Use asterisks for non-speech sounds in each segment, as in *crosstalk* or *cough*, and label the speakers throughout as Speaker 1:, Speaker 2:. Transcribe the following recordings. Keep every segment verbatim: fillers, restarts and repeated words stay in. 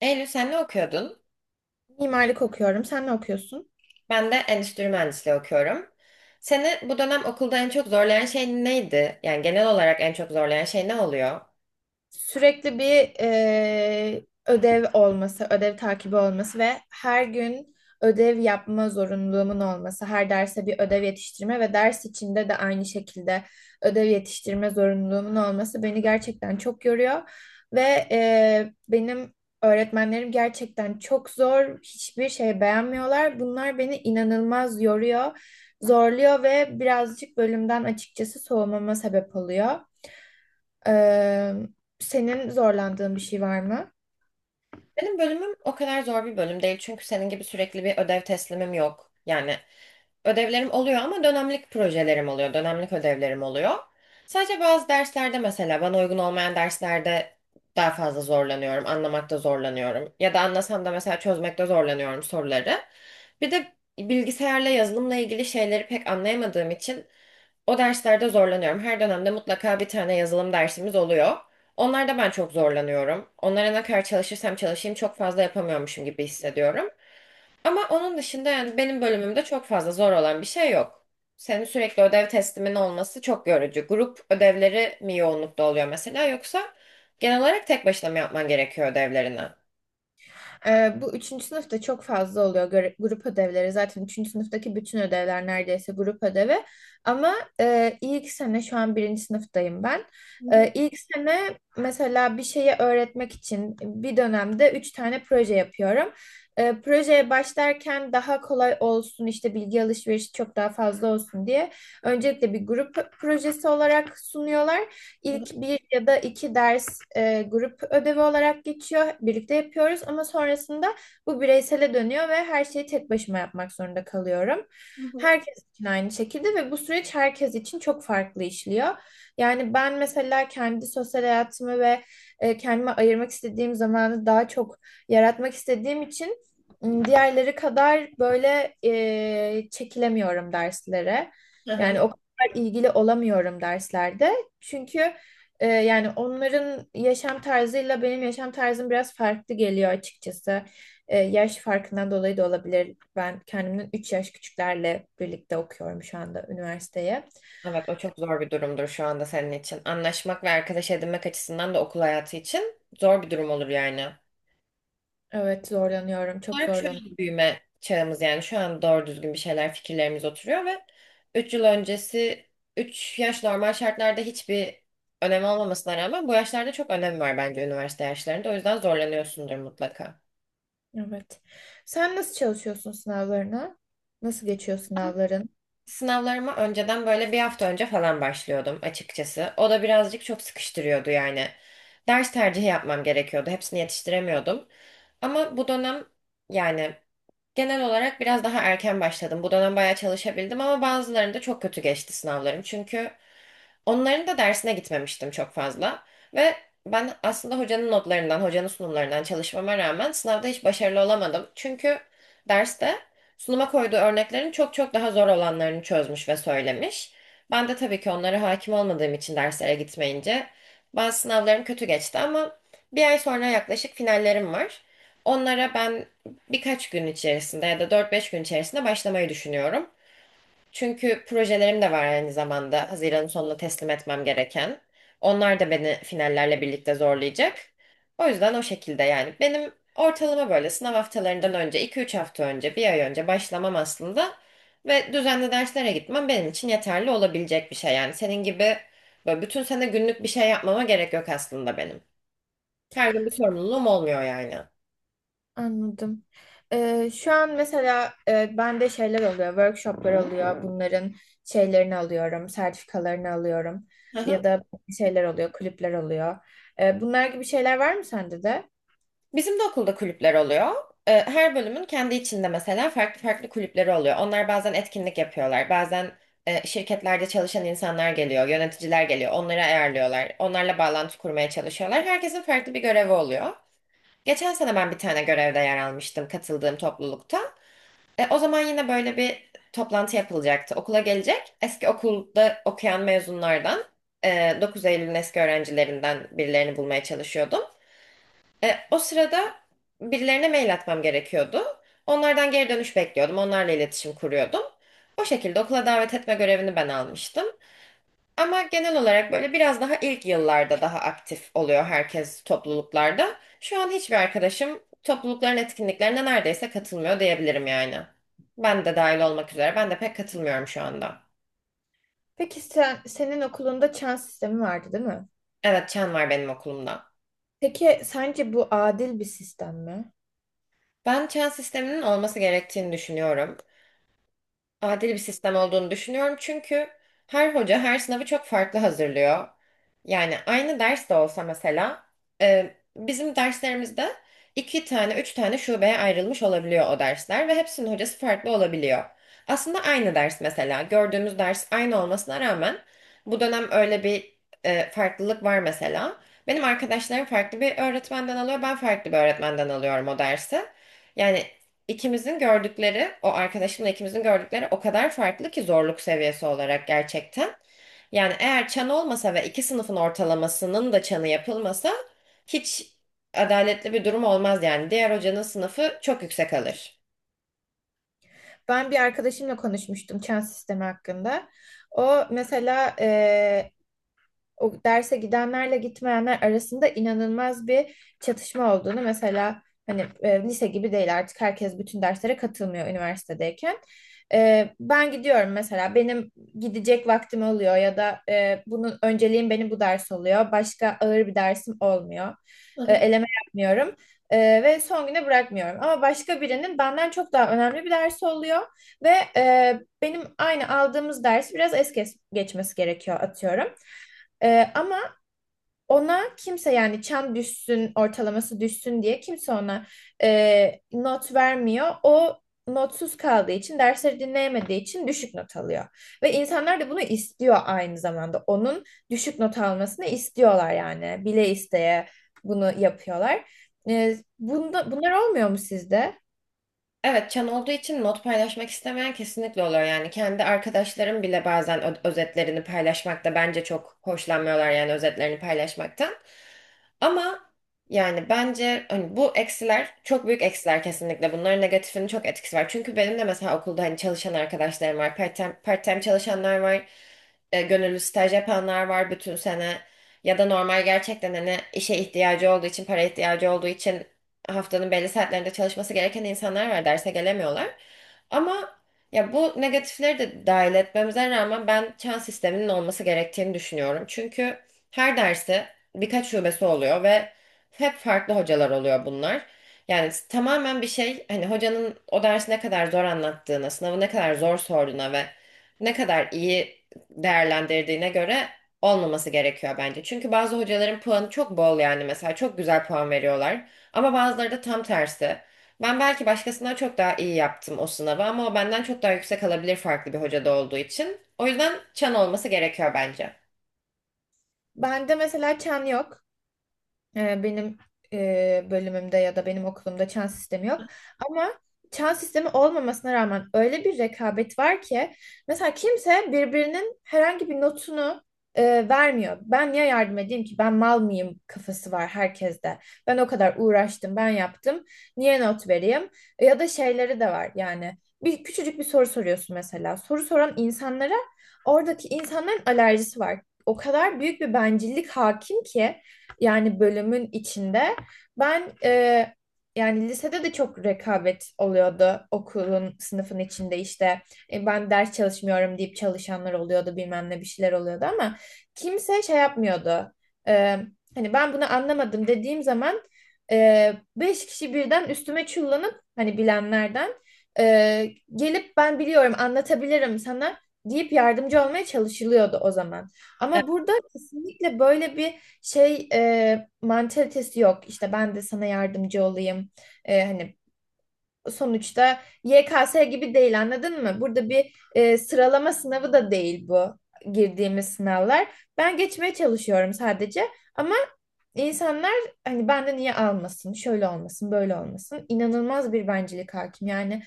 Speaker 1: Eylül sen ne okuyordun?
Speaker 2: Mimarlık okuyorum. Sen ne okuyorsun?
Speaker 1: Ben de endüstri mühendisliği okuyorum. Seni bu dönem okulda en çok zorlayan şey neydi? Yani genel olarak en çok zorlayan şey ne oluyor?
Speaker 2: Sürekli bir e, ödev olması, ödev takibi olması ve her gün ödev yapma zorunluluğumun olması, her derse bir ödev yetiştirme ve ders içinde de aynı şekilde ödev yetiştirme zorunluluğumun olması beni gerçekten çok yoruyor ve e, benim öğretmenlerim gerçekten çok zor, hiçbir şey beğenmiyorlar. Bunlar beni inanılmaz yoruyor, zorluyor ve birazcık bölümden açıkçası soğumama sebep oluyor. Ee, senin zorlandığın bir şey var mı?
Speaker 1: Benim bölümüm o kadar zor bir bölüm değil çünkü senin gibi sürekli bir ödev teslimim yok. Yani ödevlerim oluyor ama dönemlik projelerim oluyor, dönemlik ödevlerim oluyor. Sadece bazı derslerde mesela bana uygun olmayan derslerde daha fazla zorlanıyorum, anlamakta zorlanıyorum. Ya da anlasam da mesela çözmekte zorlanıyorum soruları. Bir de bilgisayarla yazılımla ilgili şeyleri pek anlayamadığım için o derslerde zorlanıyorum. Her dönemde mutlaka bir tane yazılım dersimiz oluyor. Onlarda ben çok zorlanıyorum. Onlara ne kadar çalışırsam çalışayım çok fazla yapamıyormuşum gibi hissediyorum. Ama onun dışında yani benim bölümümde çok fazla zor olan bir şey yok. Senin sürekli ödev teslimin olması çok yorucu. Grup ödevleri mi yoğunlukta oluyor mesela yoksa genel olarak tek başına mı yapman gerekiyor ödevlerini? Hı
Speaker 2: Ee, bu üçüncü sınıfta çok fazla oluyor göre- grup ödevleri. Zaten üçüncü sınıftaki bütün ödevler neredeyse grup ödevi. Ama e, ilk sene şu an birinci sınıftayım ben.
Speaker 1: hı.
Speaker 2: E, ilk sene mesela bir şeyi öğretmek için bir dönemde üç tane proje yapıyorum. E, projeye başlarken daha kolay olsun işte bilgi alışverişi çok daha fazla olsun diye öncelikle bir grup projesi olarak sunuyorlar. İlk bir ya da iki ders e, grup ödevi olarak geçiyor. Birlikte yapıyoruz ama sonrasında bu bireysele dönüyor ve her şeyi tek başıma yapmak zorunda kalıyorum. Herkes için aynı şekilde ve bu süreç herkes için çok farklı işliyor. Yani ben mesela kendi sosyal hayatımı ve e, kendime ayırmak istediğim zamanı daha çok yaratmak istediğim için m, diğerleri kadar böyle e, çekilemiyorum derslere.
Speaker 1: Hı hı.
Speaker 2: Yani o kadar ilgili olamıyorum derslerde. Çünkü ee, yani onların yaşam tarzıyla benim yaşam tarzım biraz farklı geliyor açıkçası. Ee, yaş farkından dolayı da olabilir. Ben kendimden üç yaş küçüklerle birlikte okuyorum şu anda üniversiteye.
Speaker 1: Evet, o çok zor bir durumdur şu anda senin için. Anlaşmak ve arkadaş edinmek açısından da okul hayatı için zor bir durum olur yani.
Speaker 2: Evet zorlanıyorum, çok
Speaker 1: Olarak şöyle
Speaker 2: zorlanıyorum.
Speaker 1: bir büyüme çağımız, yani şu an doğru düzgün bir şeyler fikirlerimiz oturuyor ve üç yıl öncesi üç yaş normal şartlarda hiçbir önemi olmamasına rağmen bu yaşlarda çok önem var bence üniversite yaşlarında. O yüzden zorlanıyorsundur mutlaka.
Speaker 2: Evet. Sen nasıl çalışıyorsun sınavlarına? Nasıl geçiyor sınavların?
Speaker 1: Sınavlarıma önceden böyle bir hafta önce falan başlıyordum açıkçası. O da birazcık çok sıkıştırıyordu yani. Ders tercihi yapmam gerekiyordu. Hepsini yetiştiremiyordum. Ama bu dönem, yani genel olarak biraz daha erken başladım. Bu dönem bayağı çalışabildim ama bazılarında çok kötü geçti sınavlarım. Çünkü onların da dersine gitmemiştim çok fazla. Ve ben aslında hocanın notlarından, hocanın sunumlarından çalışmama rağmen sınavda hiç başarılı olamadım. Çünkü derste sunuma koyduğu örneklerin çok çok daha zor olanlarını çözmüş ve söylemiş. Ben de tabii ki onlara hakim olmadığım için derslere gitmeyince bazı sınavlarım kötü geçti ama bir ay sonra yaklaşık finallerim var. Onlara ben birkaç gün içerisinde ya da dört beş gün içerisinde başlamayı düşünüyorum. Çünkü projelerim de var aynı zamanda. Haziran'ın sonunda teslim etmem gereken. Onlar da beni finallerle birlikte zorlayacak. O yüzden o şekilde yani. Benim ortalama böyle sınav haftalarından önce, iki üç hafta önce, bir ay önce başlamam aslında. Ve düzenli derslere gitmem benim için yeterli olabilecek bir şey. Yani senin gibi böyle bütün sene günlük bir şey yapmama gerek yok aslında benim. Her gün bir sorumluluğum olmuyor yani.
Speaker 2: Anladım. Ee, şu an mesela e, bende şeyler oluyor, workshoplar oluyor. Bunların şeylerini alıyorum, sertifikalarını alıyorum. Ya
Speaker 1: *laughs*
Speaker 2: da şeyler oluyor, kulüpler oluyor. Ee, bunlar gibi şeyler var mı sende de?
Speaker 1: Bizim de okulda kulüpler oluyor. Ee, Her bölümün kendi içinde mesela farklı farklı kulüpleri oluyor. Onlar bazen etkinlik yapıyorlar. Bazen e, şirketlerde çalışan insanlar geliyor, yöneticiler geliyor. Onları ayarlıyorlar. Onlarla bağlantı kurmaya çalışıyorlar. Herkesin farklı bir görevi oluyor. Geçen sene ben bir tane görevde yer almıştım katıldığım toplulukta. E, o zaman yine böyle bir toplantı yapılacaktı. Okula gelecek eski okulda okuyan mezunlardan, e, dokuz Eylül'ün eski öğrencilerinden birilerini bulmaya çalışıyordum. E, o sırada birilerine mail atmam gerekiyordu. Onlardan geri dönüş bekliyordum. Onlarla iletişim kuruyordum. O şekilde okula davet etme görevini ben almıştım. Ama genel olarak böyle biraz daha ilk yıllarda daha aktif oluyor herkes topluluklarda. Şu an hiçbir arkadaşım toplulukların etkinliklerine neredeyse katılmıyor diyebilirim yani. Ben de dahil olmak üzere. Ben de pek katılmıyorum şu anda.
Speaker 2: Peki sen, senin okulunda çan sistemi vardı, değil mi?
Speaker 1: Evet, çan var benim okulumda.
Speaker 2: Peki sence bu adil bir sistem mi?
Speaker 1: Ben çan sisteminin olması gerektiğini düşünüyorum. Adil bir sistem olduğunu düşünüyorum. Çünkü her hoca her sınavı çok farklı hazırlıyor. Yani aynı ders de olsa mesela e, bizim derslerimizde iki tane, üç tane şubeye ayrılmış olabiliyor o dersler ve hepsinin hocası farklı olabiliyor. Aslında aynı ders mesela gördüğümüz ders aynı olmasına rağmen bu dönem öyle bir e, farklılık var mesela. Benim arkadaşlarım farklı bir öğretmenden alıyor, ben farklı bir öğretmenden alıyorum o dersi. Yani İkimizin gördükleri, o arkadaşımla ikimizin gördükleri o kadar farklı ki zorluk seviyesi olarak gerçekten. Yani eğer çan olmasa ve iki sınıfın ortalamasının da çanı yapılmasa hiç adaletli bir durum olmaz yani. Diğer hocanın sınıfı çok yüksek alır.
Speaker 2: Ben bir arkadaşımla konuşmuştum çan sistemi hakkında. O mesela o derse gidenlerle gitmeyenler arasında inanılmaz bir çatışma olduğunu mesela hani e, lise gibi değil artık herkes bütün derslere katılmıyor üniversitedeyken. E, ben gidiyorum mesela benim gidecek vaktim oluyor ya da e, bunun önceliğim benim bu ders oluyor. Başka ağır bir dersim olmuyor.
Speaker 1: Hı
Speaker 2: E,
Speaker 1: hı.
Speaker 2: eleme yapmıyorum. E, ve son güne bırakmıyorum. Ama başka birinin benden çok daha önemli bir dersi oluyor ve e, benim aynı aldığımız dersi biraz es kes- geçmesi gerekiyor atıyorum. Ee, ama ona kimse yani çan düşsün, ortalaması düşsün diye kimse ona e, not vermiyor. O notsuz kaldığı için, dersleri dinleyemediği için düşük not alıyor. Ve insanlar da bunu istiyor aynı zamanda. Onun düşük not almasını istiyorlar yani. Bile isteye bunu yapıyorlar. Ee, bunda, bunlar olmuyor mu sizde?
Speaker 1: Evet, çan olduğu için not paylaşmak istemeyen kesinlikle oluyor yani. Kendi arkadaşlarım bile bazen ö- özetlerini paylaşmakta bence çok hoşlanmıyorlar, yani özetlerini paylaşmaktan. Ama yani bence hani bu eksiler çok büyük eksiler kesinlikle. Bunların negatifinin çok etkisi var. Çünkü benim de mesela okulda hani çalışan arkadaşlarım var. Part-time, part-time çalışanlar var, e, gönüllü staj yapanlar var bütün sene ya da normal gerçekten hani işe ihtiyacı olduğu için, para ihtiyacı olduğu için haftanın belli saatlerinde çalışması gereken insanlar var, derse gelemiyorlar. Ama ya bu negatifleri de dahil etmemize rağmen ben çan sisteminin olması gerektiğini düşünüyorum. Çünkü her dersi birkaç şubesi oluyor ve hep farklı hocalar oluyor bunlar. Yani tamamen bir şey hani hocanın o dersi ne kadar zor anlattığına, sınavı ne kadar zor sorduğuna ve ne kadar iyi değerlendirdiğine göre olmaması gerekiyor bence. Çünkü bazı hocaların puanı çok bol yani, mesela çok güzel puan veriyorlar ama bazıları da tam tersi. Ben belki başkasından çok daha iyi yaptım o sınavı ama o benden çok daha yüksek alabilir farklı bir hocada olduğu için. O yüzden çan olması gerekiyor bence.
Speaker 2: Bende mesela çan yok. E, Benim e, bölümümde ya da benim okulumda çan sistemi yok. Ama çan sistemi olmamasına rağmen öyle bir rekabet var ki mesela kimse birbirinin herhangi bir notunu e, vermiyor. Ben niye yardım edeyim ki? Ben mal mıyım kafası var herkeste. Ben o kadar uğraştım, ben yaptım. Niye not vereyim? E, Ya da şeyleri de var yani. Bir küçücük bir soru soruyorsun mesela. Soru soran insanlara oradaki insanların alerjisi var. O kadar büyük bir bencillik hakim ki yani bölümün içinde. Ben e, yani lisede de çok rekabet oluyordu okulun sınıfın içinde işte. E, ben ders çalışmıyorum deyip çalışanlar oluyordu bilmem ne bir şeyler oluyordu ama kimse şey yapmıyordu. E, Hani ben bunu anlamadım dediğim zaman e, beş kişi birden üstüme çullanıp hani bilenlerden e, gelip ben biliyorum anlatabilirim sana deyip yardımcı olmaya çalışılıyordu o zaman. Ama burada kesinlikle böyle bir şey e, mantalitesi yok işte ben de sana yardımcı olayım. E, hani sonuçta Y K S gibi değil anladın mı? Burada bir e, sıralama sınavı da değil bu girdiğimiz sınavlar. Ben geçmeye çalışıyorum sadece ama insanlar hani benden niye almasın şöyle olmasın böyle olmasın inanılmaz bir bencillik hakim yani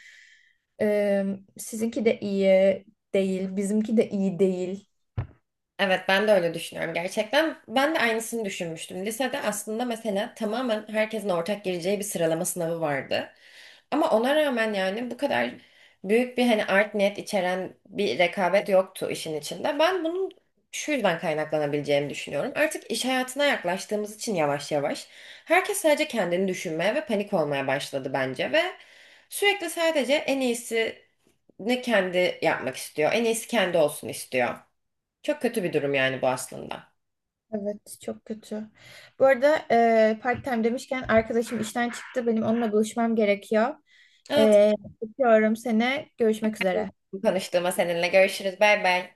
Speaker 2: e, sizinki de iyi değil bizimki de iyi değil.
Speaker 1: Evet, ben de öyle düşünüyorum gerçekten. Ben de aynısını düşünmüştüm. Lisede aslında mesela tamamen herkesin ortak gireceği bir sıralama sınavı vardı. Ama ona rağmen yani bu kadar büyük bir hani art niyet içeren bir rekabet yoktu işin içinde. Ben bunun şu yüzden kaynaklanabileceğini düşünüyorum. Artık iş hayatına yaklaştığımız için yavaş yavaş herkes sadece kendini düşünmeye ve panik olmaya başladı bence ve sürekli sadece en iyisini kendi yapmak istiyor, en iyisi kendi olsun istiyor. Çok kötü bir durum yani bu aslında.
Speaker 2: Evet çok kötü. Bu arada e, part time demişken arkadaşım işten çıktı. Benim onunla buluşmam gerekiyor.
Speaker 1: Evet,
Speaker 2: E, Öpüyorum seni. Görüşmek üzere.
Speaker 1: tanıştığıma seninle görüşürüz. Bay bay.